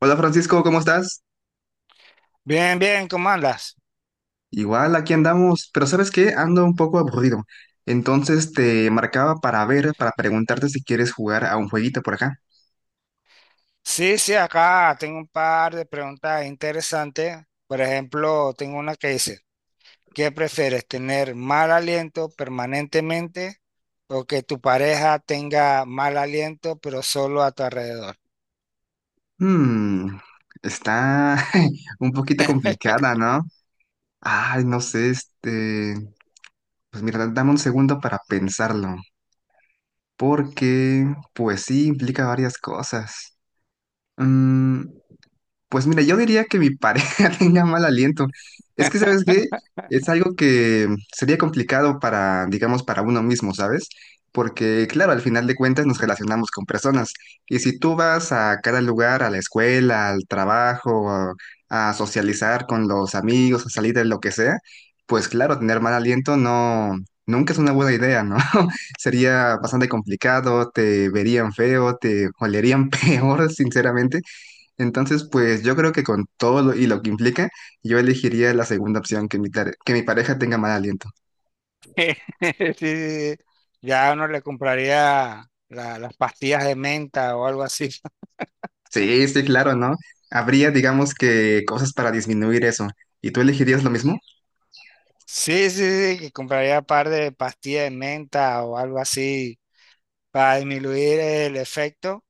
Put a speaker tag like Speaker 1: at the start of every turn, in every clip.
Speaker 1: Hola Francisco, ¿cómo estás?
Speaker 2: Bien, bien, ¿cómo andas?
Speaker 1: Igual, aquí andamos, pero ¿sabes qué? Ando un poco aburrido. Entonces te marcaba para ver, para preguntarte si quieres jugar a un jueguito por acá.
Speaker 2: Sí, sí, acá tengo un par de preguntas interesantes. Por ejemplo, tengo una que dice, ¿qué prefieres, tener mal aliento permanentemente o que tu pareja tenga mal aliento pero solo a tu alrededor?
Speaker 1: Hmm, está un poquito complicada, ¿no? Ay, no sé. Pues mira, dame un segundo para pensarlo, porque pues sí, implica varias cosas. Mm, Pues mira, yo diría que mi pareja tenga mal aliento. Es que, ¿sabes qué? Es algo que sería complicado para, digamos, para uno mismo, ¿sabes? Porque, claro, al final de cuentas nos relacionamos con personas. Y si tú vas a cada lugar, a la escuela, al trabajo, a socializar con los amigos, a salir de lo que sea, pues claro, tener mal aliento no, nunca es una buena idea, ¿no? Sería bastante complicado, te verían feo, te olerían peor, sinceramente. Entonces, pues yo creo que con todo lo, y lo que implica, yo elegiría la segunda opción, que mi pareja tenga mal aliento.
Speaker 2: Sí, sí, sí. Ya uno le compraría las pastillas de menta o algo así.
Speaker 1: Sí, sí, claro, ¿no? Habría, digamos que, cosas para disminuir eso. ¿Y tú elegirías lo mismo?
Speaker 2: Sí, sí, sí, que compraría un par de pastillas de menta o algo así para disminuir el efecto.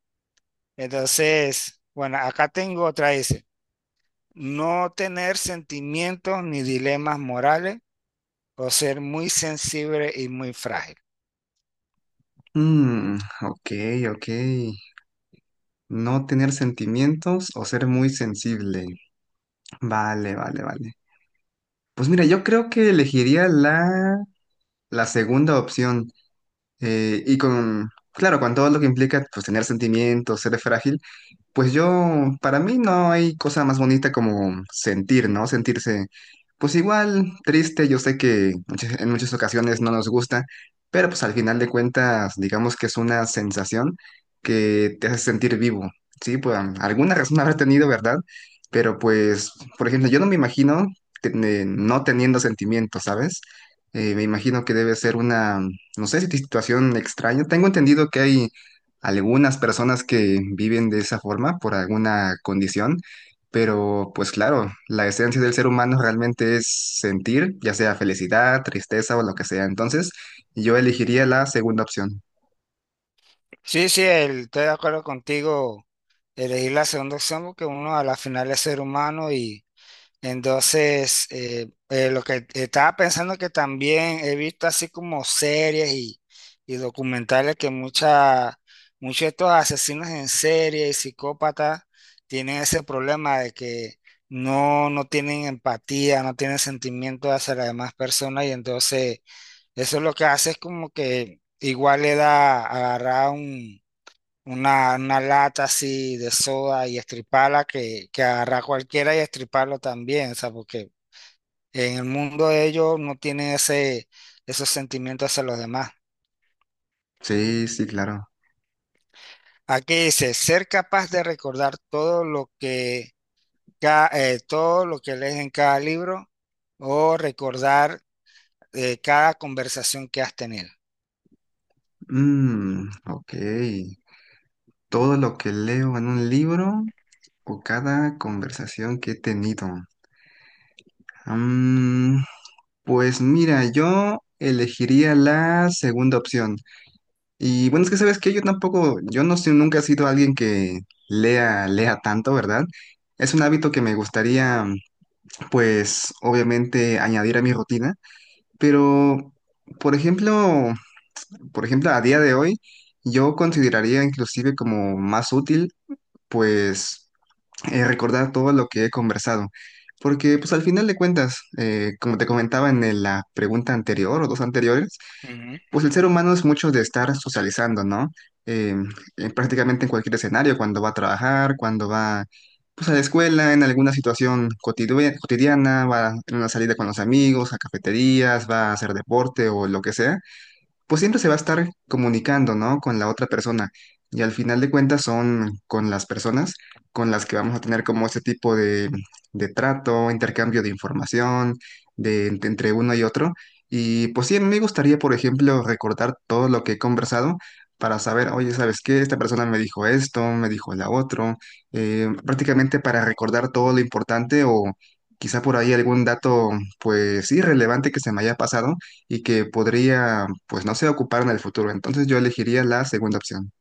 Speaker 2: Entonces, bueno, acá tengo otra, dice, no tener sentimientos ni dilemas morales o ser muy sensible y muy frágil.
Speaker 1: Mm, ok, ok. No tener sentimientos o ser muy sensible. Vale, vale, vale. Pues mira, yo creo que elegiría la segunda opción. Y con, claro, con todo lo que implica, pues tener sentimientos, ser frágil. Pues yo, para mí no hay cosa más bonita como sentir, ¿no? Sentirse, pues igual, triste. Yo sé que en muchas ocasiones no nos gusta, pero pues al final de cuentas, digamos que es una sensación que te hace sentir vivo, ¿sí? Pues alguna razón habrá tenido, ¿verdad? Pero pues, por ejemplo, yo no me imagino te- no teniendo sentimientos, ¿sabes? Me imagino que debe ser una, no sé, si situación extraña. Tengo entendido que hay algunas personas que viven de esa forma por alguna condición, pero pues claro, la esencia del ser humano realmente es sentir, ya sea felicidad, tristeza o lo que sea. Entonces, yo elegiría la segunda opción.
Speaker 2: Sí, sí, estoy de acuerdo contigo, elegir la segunda opción porque uno a la final es ser humano y. Entonces, lo que estaba pensando que también he visto así como series y documentales que muchos de estos asesinos en serie y psicópatas tienen ese problema de que no tienen empatía, no tienen sentimiento hacia las demás personas y entonces eso lo que hace es como que igual le da agarrar un una lata así de soda y estriparla que agarrar cualquiera y estriparlo también, o sea, porque en el mundo de ellos no tienen esos sentimientos hacia los demás.
Speaker 1: Sí, sí, claro.
Speaker 2: Aquí dice, ser capaz de recordar todo lo todo lo que lees en cada libro o recordar cada conversación que has tenido.
Speaker 1: Mm, ok. Todo lo que leo en un libro o cada conversación que he tenido. Mm, pues mira, yo elegiría la segunda opción. Y bueno, es que sabes que yo tampoco, yo no sé, nunca he sido alguien que lea tanto, ¿verdad? Es un hábito que me gustaría, pues, obviamente añadir a mi rutina, pero, por ejemplo, por ejemplo, a día de hoy, yo consideraría inclusive como más útil, pues, recordar todo lo que he conversado. Porque, pues, al final de cuentas, como te comentaba en la pregunta anterior o dos anteriores, pues el ser humano es mucho de estar socializando, ¿no? Eh, Prácticamente en cualquier escenario, cuando va a trabajar, cuando va pues, a la escuela, en alguna situación cotidiana, va en una salida con los amigos, a cafeterías, va a hacer deporte o lo que sea, pues siempre se va a estar comunicando, ¿no? Con la otra persona. Y al final de cuentas son con las personas con las que vamos a tener como ese tipo de trato, intercambio de información, entre uno y otro. Y pues sí, a mí me gustaría, por ejemplo, recordar todo lo que he conversado para saber, oye, ¿sabes qué? Esta persona me dijo esto, me dijo la otro, prácticamente para recordar todo lo importante o quizá por ahí algún dato, pues sí, relevante que se me haya pasado y que podría, pues no sé, ocupar en el futuro. Entonces yo elegiría la segunda opción.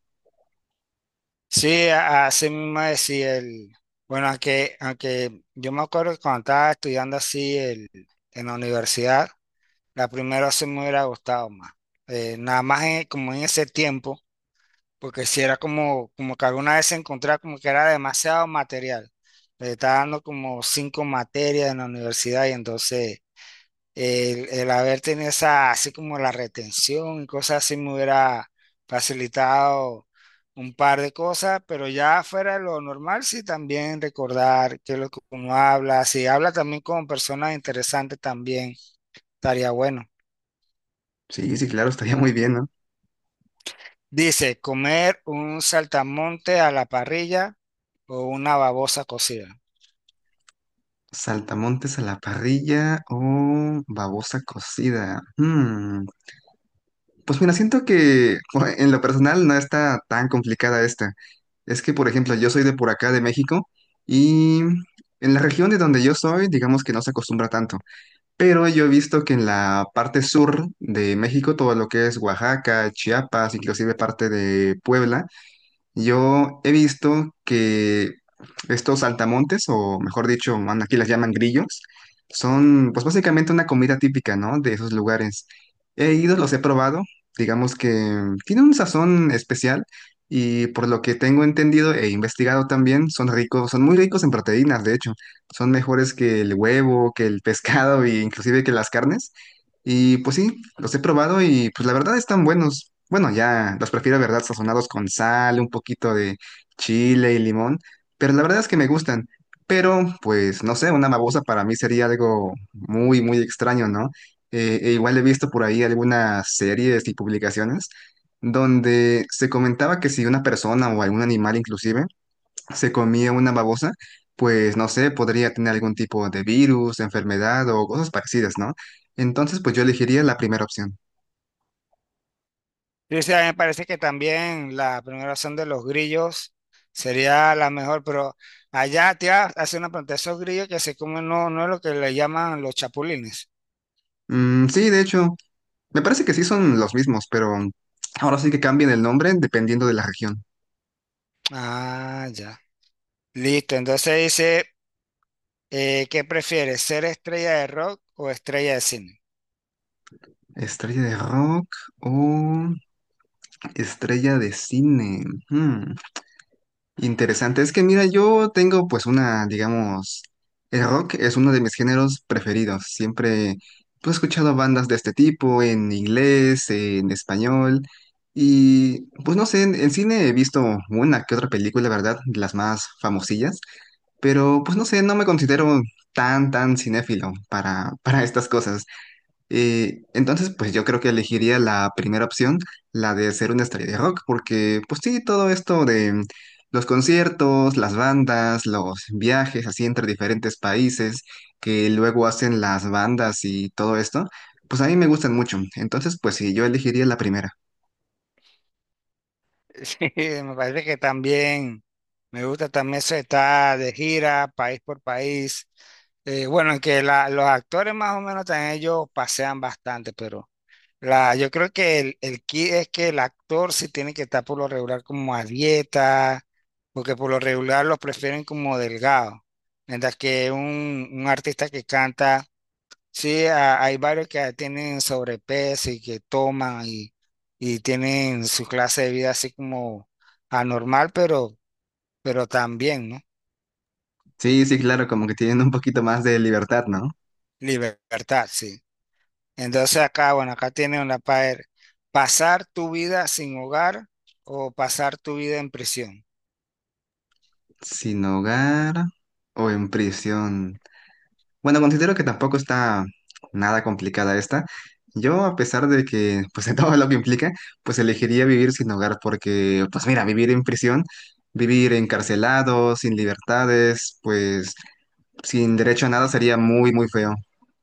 Speaker 2: Sí, así mismo decía bueno, aunque yo me acuerdo que cuando estaba estudiando así en la universidad, la primera sí me hubiera gustado más. Nada más como en ese tiempo, porque si era como, como que alguna vez encontraba como que era demasiado material. Me estaba dando como cinco materias en la universidad y entonces el haber tenido esa, así como la retención y cosas así me hubiera facilitado un par de cosas, pero ya fuera de lo normal, sí también recordar qué es lo que uno habla, si habla también con personas interesantes también estaría bueno.
Speaker 1: Sí, sí, claro, estaría muy bien, ¿no?
Speaker 2: Dice, comer un saltamonte a la parrilla o una babosa cocida.
Speaker 1: Saltamontes a la parrilla o babosa cocida. Pues mira, siento que bueno, en lo personal no está tan complicada esta. Es que, por ejemplo, yo soy de por acá, de México, y en la región de donde yo soy, digamos que no se acostumbra tanto. Pero yo he visto que en la parte sur de México, todo lo que es Oaxaca, Chiapas, inclusive parte de Puebla, yo he visto que estos saltamontes, o mejor dicho, bueno, aquí las llaman grillos, son pues básicamente una comida típica, ¿no? De esos lugares. He ido, los he probado, digamos que tiene un sazón especial y por lo que tengo entendido e investigado también, son ricos, son muy ricos en proteínas, de hecho, son mejores que el huevo, que el pescado e inclusive que las carnes. Y pues sí, los he probado y pues la verdad están buenos. Bueno, ya los prefiero, ¿verdad? Sazonados con sal, un poquito de chile y limón, pero la verdad es que me gustan. Pero pues no sé, una babosa para mí sería algo muy, muy extraño, ¿no? E igual he visto por ahí algunas series y publicaciones donde se comentaba que si una persona o algún animal inclusive se comía una babosa, pues no sé, podría tener algún tipo de virus, enfermedad o cosas parecidas, ¿no? Entonces, pues yo elegiría la primera opción.
Speaker 2: Sí, sí, a mí me parece que también la primera opción de los grillos sería la mejor, pero allá te iba a hacer una pregunta, esos grillos que se comen no es lo que le llaman los chapulines.
Speaker 1: Mm, sí, de hecho, me parece que sí son los mismos, pero ahora sí que cambian el nombre dependiendo de la región.
Speaker 2: Ah, ya. Listo, entonces dice, ¿qué prefieres, ser estrella de rock o estrella de cine?
Speaker 1: Estrella de rock o estrella de cine. Hmm. Interesante. Es que mira, yo tengo pues una, digamos, el rock es uno de mis géneros preferidos. Siempre pues, he escuchado bandas de este tipo en inglés, en español y pues no sé, en cine he visto una que otra película, ¿verdad?, de las más famosillas, pero pues no sé, no me considero tan, tan cinéfilo para, para estas cosas. Entonces, pues yo creo que elegiría la primera opción, la de ser una estrella de rock, porque pues sí, todo esto de los conciertos, las bandas, los viajes así entre diferentes países que luego hacen las bandas y todo esto, pues a mí me gustan mucho. Entonces, pues sí, yo elegiría la primera.
Speaker 2: Sí, me parece que también me gusta también eso de estar de gira, país por país. Bueno, que los actores más o menos también ellos pasean bastante, pero la, yo creo que el key es que el actor sí tiene que estar por lo regular como a dieta, porque por lo regular los prefieren como delgado, mientras que un artista que canta, sí, hay varios que tienen sobrepeso y que toman y tienen su clase de vida así como anormal, pero también, ¿no?
Speaker 1: Sí, sí, claro, como que tienen un poquito más de libertad, ¿no?
Speaker 2: Libertad, sí. Entonces acá, bueno, acá tienen una para pasar tu vida sin hogar o pasar tu vida en prisión.
Speaker 1: Sin hogar o en prisión. Bueno, considero que tampoco está nada complicada esta. Yo, a pesar de que, pues de todo lo que implica, pues elegiría vivir sin hogar porque, pues mira, vivir en prisión, vivir encarcelado, sin libertades, pues sin derecho a nada sería muy, muy feo,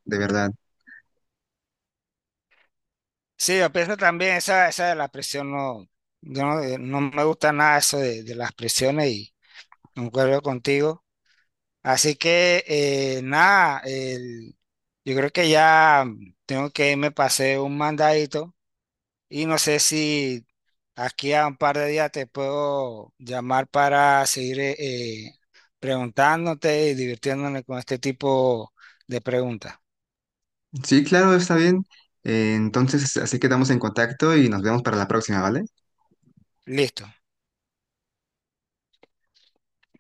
Speaker 1: de verdad.
Speaker 2: Sí, yo pienso también esa de la presión, no, yo no, no me gusta nada eso de las presiones y concuerdo contigo. Así que nada, yo creo que ya tengo que irme, pasé un mandadito y no sé si aquí a un par de días te puedo llamar para seguir eh, preguntándote y divirtiéndome con este tipo de preguntas.
Speaker 1: Sí, claro, está bien. Entonces, así quedamos en contacto y nos vemos para la próxima, ¿vale?
Speaker 2: Listo.